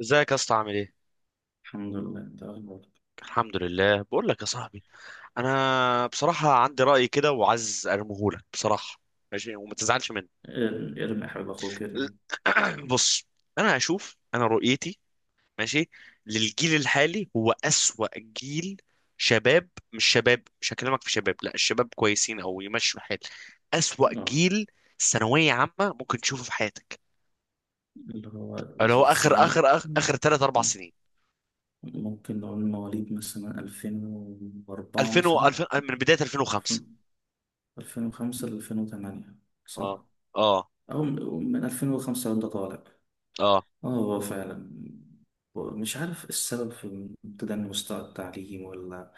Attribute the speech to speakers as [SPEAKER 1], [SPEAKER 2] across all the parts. [SPEAKER 1] ازيك يا اسطى، عامل ايه؟
[SPEAKER 2] الحمد لله. انت اخبارك؟
[SPEAKER 1] الحمد لله، بقول لك يا صاحبي، انا بصراحه عندي راي كده وعايز ارميه لك بصراحه. ماشي، وما تزعلش مني.
[SPEAKER 2] ارمي يا حبيب اخوك،
[SPEAKER 1] ال-
[SPEAKER 2] ارمي.
[SPEAKER 1] بص. انا رؤيتي، ماشي، للجيل الحالي هو اسوأ جيل. شباب مش هكلمك في شباب، لا الشباب كويسين او يمشوا الحال. اسوأ
[SPEAKER 2] اه،
[SPEAKER 1] جيل ثانويه عامه ممكن تشوفه في حياتك.
[SPEAKER 2] اللي هو
[SPEAKER 1] اللي هو اخر
[SPEAKER 2] السنة دي
[SPEAKER 1] اخر اخر,
[SPEAKER 2] مم.
[SPEAKER 1] آخر 3 4
[SPEAKER 2] آه،
[SPEAKER 1] سنين،
[SPEAKER 2] ممكن نقول مواليد مثلا 2004، مثلا
[SPEAKER 1] 2000 من بدايه 2005.
[SPEAKER 2] 2005 ل 2008،
[SPEAKER 1] اه.
[SPEAKER 2] صح؟
[SPEAKER 1] اه.
[SPEAKER 2] أو من 2005 وأنت طالع.
[SPEAKER 1] اه.
[SPEAKER 2] اه، هو فعلا. مش عارف السبب في تدني مستوى التعليم، ولا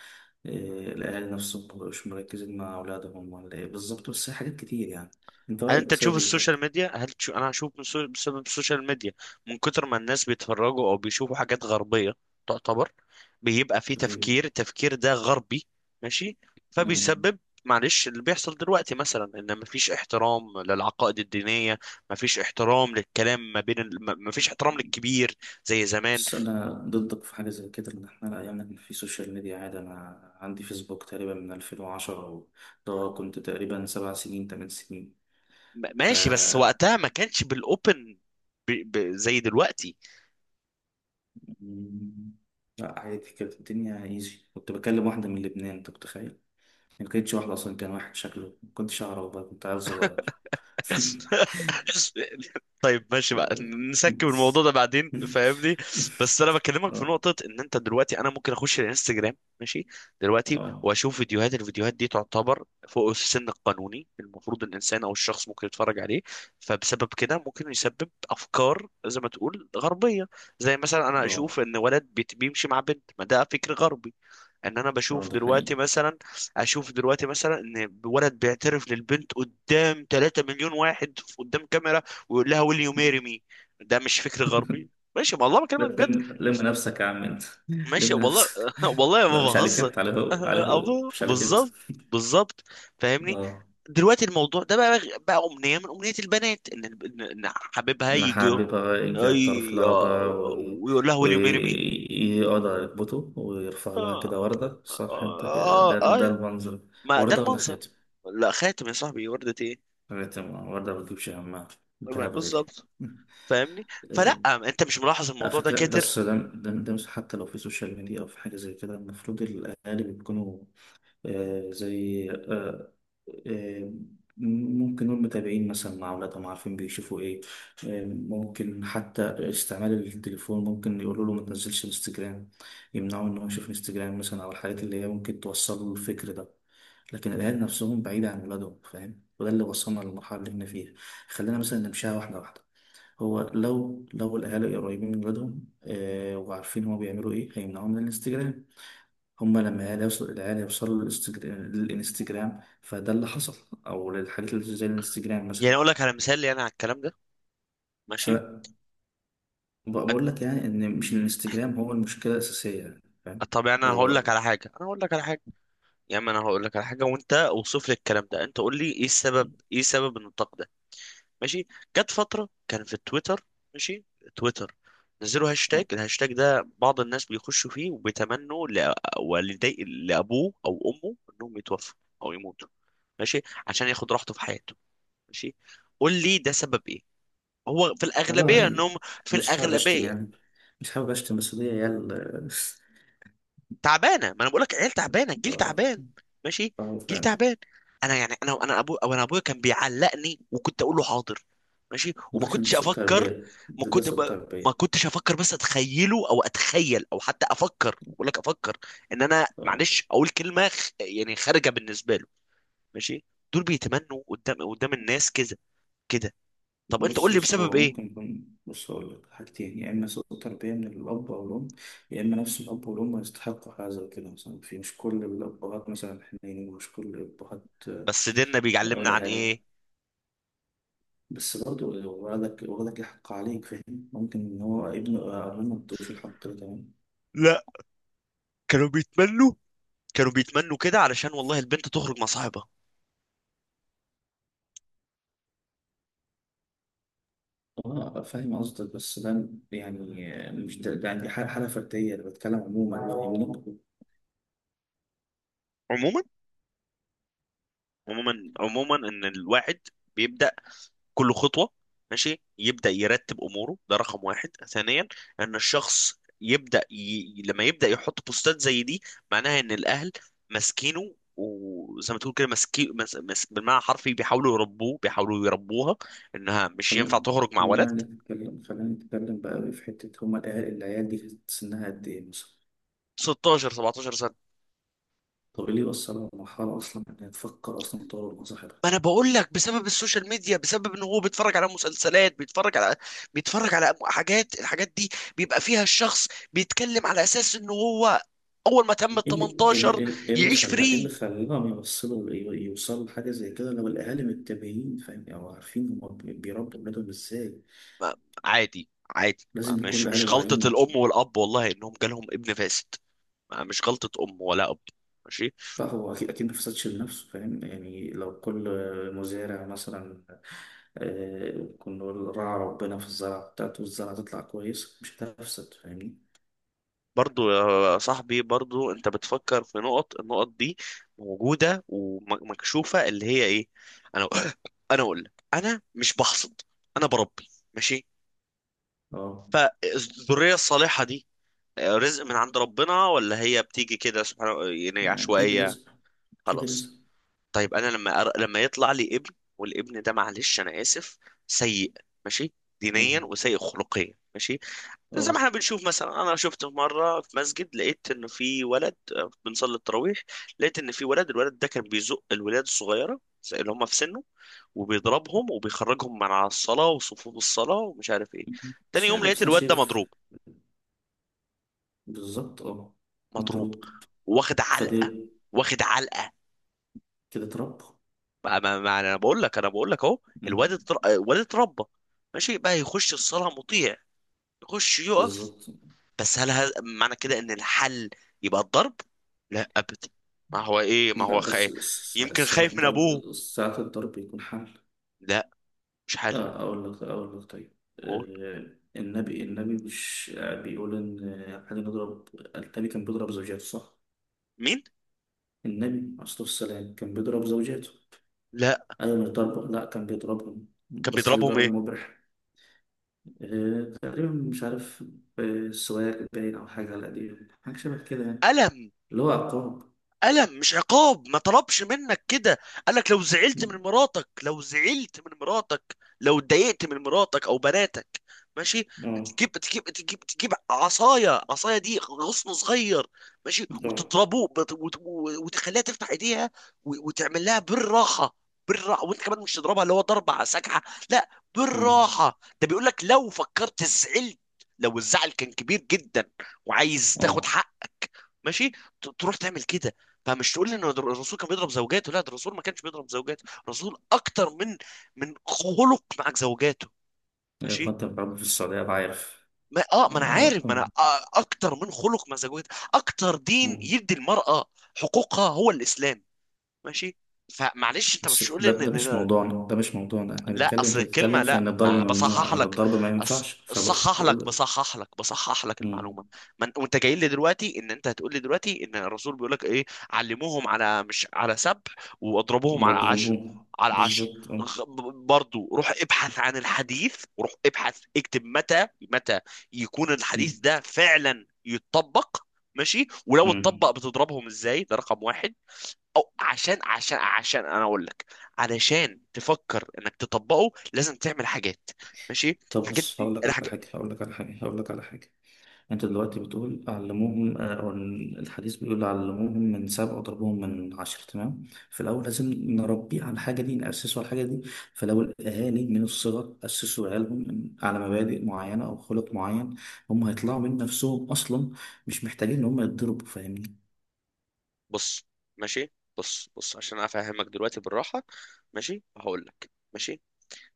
[SPEAKER 2] إيه. الأهالي نفسهم مبقوش مركزين مع أولادهم، ولا إيه بالظبط، بس هي حاجات كتير يعني. أنت
[SPEAKER 1] هل
[SPEAKER 2] رأيك
[SPEAKER 1] انت تشوف
[SPEAKER 2] بسبب إيه؟
[SPEAKER 1] السوشيال ميديا هل تشوف انا هشوف من سو... بسبب السوشيال ميديا، من كتر ما الناس بيتفرجوا او بيشوفوا حاجات غربية، تعتبر بيبقى في
[SPEAKER 2] طيب؟
[SPEAKER 1] التفكير ده غربي. ماشي.
[SPEAKER 2] مم.
[SPEAKER 1] فبيسبب، معلش، اللي بيحصل دلوقتي مثلا ان مفيش احترام للعقائد الدينية، مفيش احترام للكلام ما بين ال... م- مفيش احترام للكبير زي زمان.
[SPEAKER 2] بس أنا ضدك في حاجة زي كده، إن إحنا الأيام اللي في سوشيال ميديا عادي. أنا عندي فيسبوك تقريبا من 2010، وده كنت تقريبا 7 سنين 8 سنين. ف
[SPEAKER 1] ماشي، بس وقتها ما كانش بالاوبن زي دلوقتي.
[SPEAKER 2] مم. لا عادي، كانت الدنيا ايزي. كنت بكلم واحدة من لبنان، أنت متخيل؟ ما كانتش واحدة أصلا، كان واحد شكله ما كنتش أعرف، بقى كنت عيل صغير.
[SPEAKER 1] طيب ماشي بقى، نسكب الموضوع
[SPEAKER 2] بس.
[SPEAKER 1] ده بعدين، فاهمني؟ بس انا بكلمك في
[SPEAKER 2] اه،
[SPEAKER 1] نقطة، ان انت دلوقتي انا ممكن اخش الانستجرام، ماشي، دلوقتي
[SPEAKER 2] اه،
[SPEAKER 1] واشوف فيديوهات، الفيديوهات دي تعتبر فوق السن القانوني المفروض الانسان او الشخص ممكن يتفرج عليه. فبسبب كده ممكن يسبب افكار زي ما تقول غربية. زي مثلا انا
[SPEAKER 2] اه.
[SPEAKER 1] اشوف ان ولد بيمشي مع بنت، ما ده فكر غربي. ان انا
[SPEAKER 2] آه،
[SPEAKER 1] بشوف
[SPEAKER 2] ده
[SPEAKER 1] دلوقتي
[SPEAKER 2] حقيقي.
[SPEAKER 1] مثلا، اشوف دلوقتي مثلا، ان ولد بيعترف للبنت قدام 3 مليون واحد قدام كاميرا ويقول لها will you marry me. ده مش فكر غربي. ماشي والله،
[SPEAKER 2] لا،
[SPEAKER 1] بكلمك بجد.
[SPEAKER 2] لم نفسك يا عم انت.
[SPEAKER 1] ماشي
[SPEAKER 2] لم
[SPEAKER 1] والله،
[SPEAKER 2] نفسك.
[SPEAKER 1] والله
[SPEAKER 2] لا
[SPEAKER 1] ما
[SPEAKER 2] مش عليك
[SPEAKER 1] بهزر.
[SPEAKER 2] انت، عليه هو، عليه هو،
[SPEAKER 1] ابو،
[SPEAKER 2] مش عليك انت.
[SPEAKER 1] بالظبط، بالظبط، فاهمني؟
[SPEAKER 2] اه.
[SPEAKER 1] دلوقتي الموضوع ده بقى، بقى امنيه من امنيه البنات ان إن حبيبها
[SPEAKER 2] انا
[SPEAKER 1] يجي،
[SPEAKER 2] حابب يرجع يعترف
[SPEAKER 1] أي...
[SPEAKER 2] لها
[SPEAKER 1] آه،
[SPEAKER 2] بقى،
[SPEAKER 1] ويقول لها will you marry me.
[SPEAKER 2] ويقعد على ركبته ويرفع لها كده
[SPEAKER 1] اه.
[SPEAKER 2] وردة، صح انت كده؟
[SPEAKER 1] اه.
[SPEAKER 2] ده
[SPEAKER 1] اه،
[SPEAKER 2] المنظر.
[SPEAKER 1] ما ده
[SPEAKER 2] وردة ولا
[SPEAKER 1] المنظر.
[SPEAKER 2] خاتم؟
[SPEAKER 1] لا خاتم يا صاحبي، وردة ايه؟
[SPEAKER 2] خاتم. اه، وردة ما بتجيبش همها. الذهب غالي.
[SPEAKER 1] بالظبط. فاهمني؟ فلا،
[SPEAKER 2] اه.
[SPEAKER 1] انت مش ملاحظ
[SPEAKER 2] على
[SPEAKER 1] الموضوع ده
[SPEAKER 2] فكرة،
[SPEAKER 1] كتر؟
[SPEAKER 2] بس ده مش، حتى لو في سوشيال ميديا أو في حاجة زي كده المفروض الأهالي بيكونوا زي آه، ممكن نقول متابعين مثلا مع أولادهم، عارفين بيشوفوا إيه. آه، ممكن حتى استعمال التليفون، ممكن يقولوا له ما تنزلش انستجرام، يمنعوا إن هو يشوف انستجرام مثلا، أو الحاجات اللي هي ممكن توصل له الفكر ده. لكن الأهل نفسهم بعيدة عن ولادهم فاهم، وده اللي وصلنا للمرحلة اللي احنا فيها. خلينا مثلا نمشيها واحدة واحدة. هو لو الأهالي قريبين من ولادهم، آه، وعارفين هما بيعملوا إيه هيمنعوهم من الانستجرام. هما لما العيال يوصلوا للانستجرام، فده اللي حصل. او للحاجات اللي زي الانستجرام
[SPEAKER 1] يعني
[SPEAKER 2] مثلا.
[SPEAKER 1] اقول لك على مثال لي انا على الكلام ده. ماشي.
[SPEAKER 2] فبقول
[SPEAKER 1] أج-
[SPEAKER 2] لك يعني ان مش الانستجرام هو المشكله الاساسيه، يعني فاهم.
[SPEAKER 1] طب يعني
[SPEAKER 2] هو
[SPEAKER 1] انا هقول لك على حاجه. يا عم انا هقول لك على حاجه، وانت اوصف لي الكلام ده. انت قول لي ايه السبب، ايه سبب ان التقدير؟ ماشي. جت فترة كان في تويتر، ماشي، تويتر، نزلوا هاشتاج، الهاشتاج ده بعض الناس بيخشوا فيه وبيتمنوا والدي لأبوه أو أمه إنهم يتوفوا أو يموتوا، ماشي، عشان ياخد راحته في حياته. ماشي. قول لي ده سبب إيه؟ هو في الأغلبية
[SPEAKER 2] والله
[SPEAKER 1] إنهم، في
[SPEAKER 2] مش حابب اشتم
[SPEAKER 1] الأغلبية
[SPEAKER 2] يعني. مش حابب اشتم، بس دي عيال.
[SPEAKER 1] تعبانه. ما انا بقول لك، عيال تعبانه، الجيل
[SPEAKER 2] اه،
[SPEAKER 1] تعبان. ماشي،
[SPEAKER 2] اه،
[SPEAKER 1] جيل
[SPEAKER 2] فعلا.
[SPEAKER 1] تعبان. انا يعني انا انا ابو او انا ابويا كان بيعلقني وكنت اقول له حاضر. ماشي، وما
[SPEAKER 2] وده عشان
[SPEAKER 1] كنتش
[SPEAKER 2] سوء
[SPEAKER 1] افكر.
[SPEAKER 2] تربيه،
[SPEAKER 1] ما
[SPEAKER 2] ده
[SPEAKER 1] كنت ب...
[SPEAKER 2] سوء
[SPEAKER 1] ما
[SPEAKER 2] تربيه.
[SPEAKER 1] كنتش افكر، بس اتخيله او اتخيل او حتى افكر، بقول لك افكر، ان انا
[SPEAKER 2] آه.
[SPEAKER 1] معلش اقول كلمه يعني خارجه بالنسبه له. ماشي. دول بيتمنوا قدام الناس كده، كده. طب انت قول
[SPEAKER 2] بص
[SPEAKER 1] لي
[SPEAKER 2] بص،
[SPEAKER 1] بسبب
[SPEAKER 2] اه
[SPEAKER 1] ايه؟
[SPEAKER 2] ممكن يكون. بص أقول لك حاجتين، يا إما سوء تربية من الأب أو الأم، يا إما نفس الأب والأم يستحقوا حاجة زي كده. مثلا في، مش كل الأبهات مثلا حنينين، ومش كل الأبهات، آه،
[SPEAKER 1] بس ديننا بيعلمنا
[SPEAKER 2] ولا
[SPEAKER 1] عن
[SPEAKER 2] حاجة.
[SPEAKER 1] ايه؟
[SPEAKER 2] بس برضه ولدك ولدك يحق عليك فاهم. ممكن إن هو ابنه أو أبوه ما ادوش الحق ده، تمام.
[SPEAKER 1] لا، كانوا بيتمنوا، كانوا بيتمنوا كده علشان والله البنت تخرج مع صاحبها.
[SPEAKER 2] اه فاهم قصدك، بس ده يعني. مش ده، ده عندي حالة فردية، أنا بتكلم عموما يعني.
[SPEAKER 1] عموما، عموما ان الواحد بيبدا كل خطوه، ماشي، يبدا يرتب اموره، ده رقم واحد. ثانيا، ان الشخص لما يبدا يحط بوستات زي دي، معناها ان الاهل ماسكينه، وزي ما تقول كده ماسكين بالمعنى الحرفي بيحاولوا يربوها انها مش
[SPEAKER 2] خلينا
[SPEAKER 1] ينفع تخرج مع
[SPEAKER 2] خلينا
[SPEAKER 1] ولد
[SPEAKER 2] نتكلم، خلينا نتكلم بقى في حتة، هما العيال دي كانت سنها قد إيه مثلا؟
[SPEAKER 1] 16 17 سنه.
[SPEAKER 2] طب إيه اللي يوصلها لمرحلة أصلا إنها تفكر أصلا تطور مظاهرها؟
[SPEAKER 1] ما انا بقول لك بسبب السوشيال ميديا، بسبب ان هو بيتفرج على مسلسلات، بيتفرج على حاجات الحاجات دي بيبقى فيها الشخص بيتكلم على اساس ان هو اول ما تم ال
[SPEAKER 2] إيه اللي إيه اللي
[SPEAKER 1] 18
[SPEAKER 2] إيه اللي
[SPEAKER 1] يعيش
[SPEAKER 2] إيه اللي
[SPEAKER 1] فري.
[SPEAKER 2] خلاهم يوصلوا يوصلوا لحاجة زي كده، لو الأهالي متابعين فاهم أو عارفين هما بيربوا ولادهم إزاي؟
[SPEAKER 1] ما- عادي،
[SPEAKER 2] لازم يكون
[SPEAKER 1] مش
[SPEAKER 2] الأهالي
[SPEAKER 1] غلطة
[SPEAKER 2] واعيين.
[SPEAKER 1] الام والاب، والله انهم جالهم ابن فاسد. مش غلطة ام ولا اب. ماشي.
[SPEAKER 2] لا هو، أكيد أكيد ما فسدش لنفسه فاهم. يعني لو كل مزارع مثلا، آه، كنا نقول راعى ربنا في الزرعة بتاعته، والزرعة تطلع كويس مش هتفسد، فاهمني.
[SPEAKER 1] برضو يا صاحبي، برضو انت بتفكر في نقط النقط دي موجودة ومكشوفة، اللي هي ايه؟ انا انا اقول لك، انا مش بحصد، انا بربي، ماشي.
[SPEAKER 2] اه،
[SPEAKER 1] فالذرية الصالحة دي رزق من عند ربنا، ولا هي بتيجي كده سبحان، يعني
[SPEAKER 2] أكيد
[SPEAKER 1] عشوائية؟
[SPEAKER 2] رزق، أكيد
[SPEAKER 1] خلاص.
[SPEAKER 2] رزق.
[SPEAKER 1] طيب انا لما لما يطلع لي ابن، والابن ده معلش انا اسف، سيء، ماشي، دينيا
[SPEAKER 2] مم.
[SPEAKER 1] وسيء خلقيا، ماشي. زي ما احنا
[SPEAKER 2] اه،
[SPEAKER 1] بنشوف مثلا، انا شفته مره في مسجد، لقيت انه في ولد، بنصلي التراويح، لقيت ان في ولد الولد ده كان بيزق الولاد الصغيره زي اللي هم في سنه، وبيضربهم وبيخرجهم من على الصلاه وصفوف الصلاه ومش عارف ايه. تاني
[SPEAKER 2] مش
[SPEAKER 1] يوم
[SPEAKER 2] عارف،
[SPEAKER 1] لقيت
[SPEAKER 2] بس أنا
[SPEAKER 1] الواد ده
[SPEAKER 2] شايف.
[SPEAKER 1] مضروب.
[SPEAKER 2] بالظبط، اه.
[SPEAKER 1] مضروب.
[SPEAKER 2] مضروب.
[SPEAKER 1] واخد علقه.
[SPEAKER 2] فدي
[SPEAKER 1] واخد علقه.
[SPEAKER 2] كده اتربى.
[SPEAKER 1] ما انا بقول لك، اهو.
[SPEAKER 2] مم.
[SPEAKER 1] الواد اتربى، ماشي، بقى يخش الصلاه مطيع، يخش يقف.
[SPEAKER 2] بالظبط.
[SPEAKER 1] بس هل هذا معنى كده ان الحل يبقى الضرب؟ لا ابدا. ما هو ايه، ما
[SPEAKER 2] لا
[SPEAKER 1] هو
[SPEAKER 2] بس
[SPEAKER 1] خايف، يمكن خايف من ابوه.
[SPEAKER 2] ساعات الضرب يكون حمل.
[SPEAKER 1] لا، مش حل.
[SPEAKER 2] آه، أقول لك طيب.
[SPEAKER 1] قول.
[SPEAKER 2] آه، النبي مش، آه، بيقول إن، آه، إحنا نضرب. النبي كان بيضرب زوجاته، صح؟
[SPEAKER 1] مين؟
[SPEAKER 2] النبي عليه الصلاة والسلام كان بيضرب زوجاته.
[SPEAKER 1] لا،
[SPEAKER 2] أيوة، مش ضرب، لا كان بيضربهم،
[SPEAKER 1] كان
[SPEAKER 2] بس
[SPEAKER 1] بيضربهم
[SPEAKER 2] بيضرب
[SPEAKER 1] ايه؟
[SPEAKER 2] مبرح. آه، تقريبا مش عارف. آه، سواك باين أو حاجة على قديم، حاجة شبه كده يعني.
[SPEAKER 1] قلم؟
[SPEAKER 2] اللي هو عقاب.
[SPEAKER 1] ألم مش عقاب. ما طلبش منك كده، قالك لو زعلت من مراتك، لو اتضايقت من مراتك أو بناتك، ماشي،
[SPEAKER 2] اه،
[SPEAKER 1] تجيب عصاية عصاية دي غصن صغير، ماشي،
[SPEAKER 2] اه.
[SPEAKER 1] وتضربوه وتخليها تفتح ايديها، وتعمل لها بالراحة. بالراحة، وانت كمان مش تضربها اللي هو ضربة على سكعة. لا،
[SPEAKER 2] مم.
[SPEAKER 1] بالراحة. ده بيقول لك لو فكرت زعلت، لو الزعل كان كبير جدا، وعايز تاخد
[SPEAKER 2] اه.
[SPEAKER 1] حقك، ماشي، تروح تعمل كده. فمش تقول لي ان الرسول كان بيضرب زوجاته. لا، ده الرسول ما كانش بيضرب زوجاته. الرسول اكتر من خلق مع زوجاته.
[SPEAKER 2] أيوة،
[SPEAKER 1] ماشي.
[SPEAKER 2] كنت بلعب في السعودية أنا عارف.
[SPEAKER 1] ما اه ما انا
[SPEAKER 2] اه.
[SPEAKER 1] عارف ما انا آه اكتر من خلق مع زوجاته، اكتر دين
[SPEAKER 2] مم.
[SPEAKER 1] يدي المرأة حقوقها هو الاسلام. ماشي. فمعلش، انت
[SPEAKER 2] بس
[SPEAKER 1] مش تقول لي
[SPEAKER 2] ده،
[SPEAKER 1] ان،
[SPEAKER 2] ده مش
[SPEAKER 1] إن-
[SPEAKER 2] موضوعنا، ده مش موضوعنا. احنا
[SPEAKER 1] لا،
[SPEAKER 2] بنتكلم،
[SPEAKER 1] اصل
[SPEAKER 2] انت
[SPEAKER 1] الكلمه،
[SPEAKER 2] بتتكلم في
[SPEAKER 1] لا،
[SPEAKER 2] ان الضرب
[SPEAKER 1] ما
[SPEAKER 2] ممنوع
[SPEAKER 1] بصحح
[SPEAKER 2] او ان
[SPEAKER 1] لك.
[SPEAKER 2] الضرب ما
[SPEAKER 1] أص...
[SPEAKER 2] ينفعش،
[SPEAKER 1] صحح
[SPEAKER 2] فبقول
[SPEAKER 1] لك،
[SPEAKER 2] لك.
[SPEAKER 1] بصحح لك المعلومه.
[SPEAKER 2] امم
[SPEAKER 1] وانت جاي لي دلوقتي، ان انت هتقول لي دلوقتي ان الرسول بيقول لك ايه. علموهم على، مش على سبع، واضربوهم على عشر.
[SPEAKER 2] مضروبون،
[SPEAKER 1] على عشر.
[SPEAKER 2] بالظبط، اه.
[SPEAKER 1] غ... برضو روح ابحث عن الحديث، وروح ابحث اكتب متى، متى يكون الحديث
[SPEAKER 2] مم.
[SPEAKER 1] ده فعلا يتطبق. ماشي، ولو اتطبق
[SPEAKER 2] مم.
[SPEAKER 1] بتضربهم ازاي؟ ده رقم واحد. او عشان انا اقول لك، علشان تفكر انك تطبقه لازم تعمل حاجات، ماشي،
[SPEAKER 2] طب
[SPEAKER 1] الحاجات
[SPEAKER 2] بص،
[SPEAKER 1] دي الحاجات.
[SPEAKER 2] هقول لك على حاجه. انت دلوقتي بتقول علموهم، آه، أو الحديث بيقول علموهم من سبع وضربوهم من عشر، تمام. في الاول لازم نربيه على الحاجه دي، ناسسه على الحاجه دي. فلو الاهالي من الصغر اسسوا عيالهم على مبادئ معينه او خلق معين، هم هيطلعوا من نفسهم اصلا. مش محتاجين ان هم يتضربوا، فاهمني.
[SPEAKER 1] بص. ماشي. بص عشان افهمك دلوقتي بالراحه، ماشي، هقول لك. ماشي،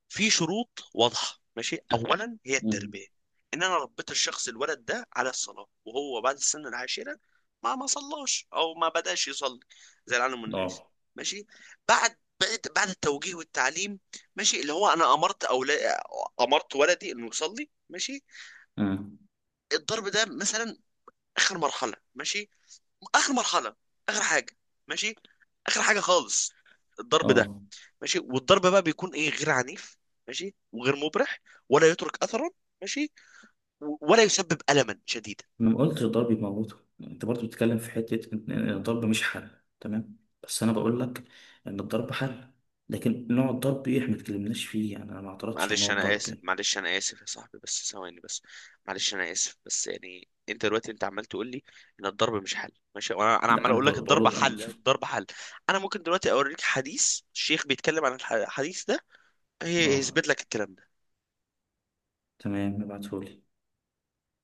[SPEAKER 1] في شروط واضحة. ماشي، أولا هي
[SPEAKER 2] مم.
[SPEAKER 1] التربية، إن أنا ربيت الشخص، الولد ده على الصلاة، وهو بعد السن العاشرة ما صلاش أو ما بدأش يصلي زي العالم والناس.
[SPEAKER 2] اه.
[SPEAKER 1] ماشي، بعد بعد التوجيه والتعليم، ماشي، اللي هو أنا أمرت، أولا أمرت ولدي إنه يصلي. ماشي.
[SPEAKER 2] امم
[SPEAKER 1] الضرب ده مثلا آخر مرحلة. ماشي، آخر مرحلة، آخر حاجة، ماشي، آخر حاجة خالص، الضرب ده.
[SPEAKER 2] اه.
[SPEAKER 1] ماشي. والضرب بقى بيكون ايه؟ غير عنيف، ماشي، وغير مبرح، ولا يترك اثرا، ماشي، ولا يسبب الما شديدا.
[SPEAKER 2] أنا ما قلتش الضرب يموته يعني. انت برضو بتتكلم في حتة ان إن الضرب مش حل، تمام. بس انا بقول لك ان الضرب حل، لكن نوع الضرب ايه احنا ما اتكلمناش فيه يعني. انا ما اعترضتش على
[SPEAKER 1] معلش
[SPEAKER 2] نوع
[SPEAKER 1] انا
[SPEAKER 2] الضرب
[SPEAKER 1] اسف،
[SPEAKER 2] إيه.
[SPEAKER 1] معلش انا اسف يا صاحبي، بس ثواني بس. معلش انا اسف، بس يعني انت دلوقتي، انت عمال تقول لي ان الضرب مش حل، ماشي، وانا انا
[SPEAKER 2] لا
[SPEAKER 1] عمال
[SPEAKER 2] انا
[SPEAKER 1] اقول لك
[SPEAKER 2] بقول
[SPEAKER 1] الضرب
[SPEAKER 2] اه،
[SPEAKER 1] حل،
[SPEAKER 2] شوف.
[SPEAKER 1] الضرب حل. انا ممكن دلوقتي اوريك حديث الشيخ بيتكلم عن الحديث ده،
[SPEAKER 2] آه،
[SPEAKER 1] هيثبت لك الكلام ده.
[SPEAKER 2] تمام، ابعتهولي.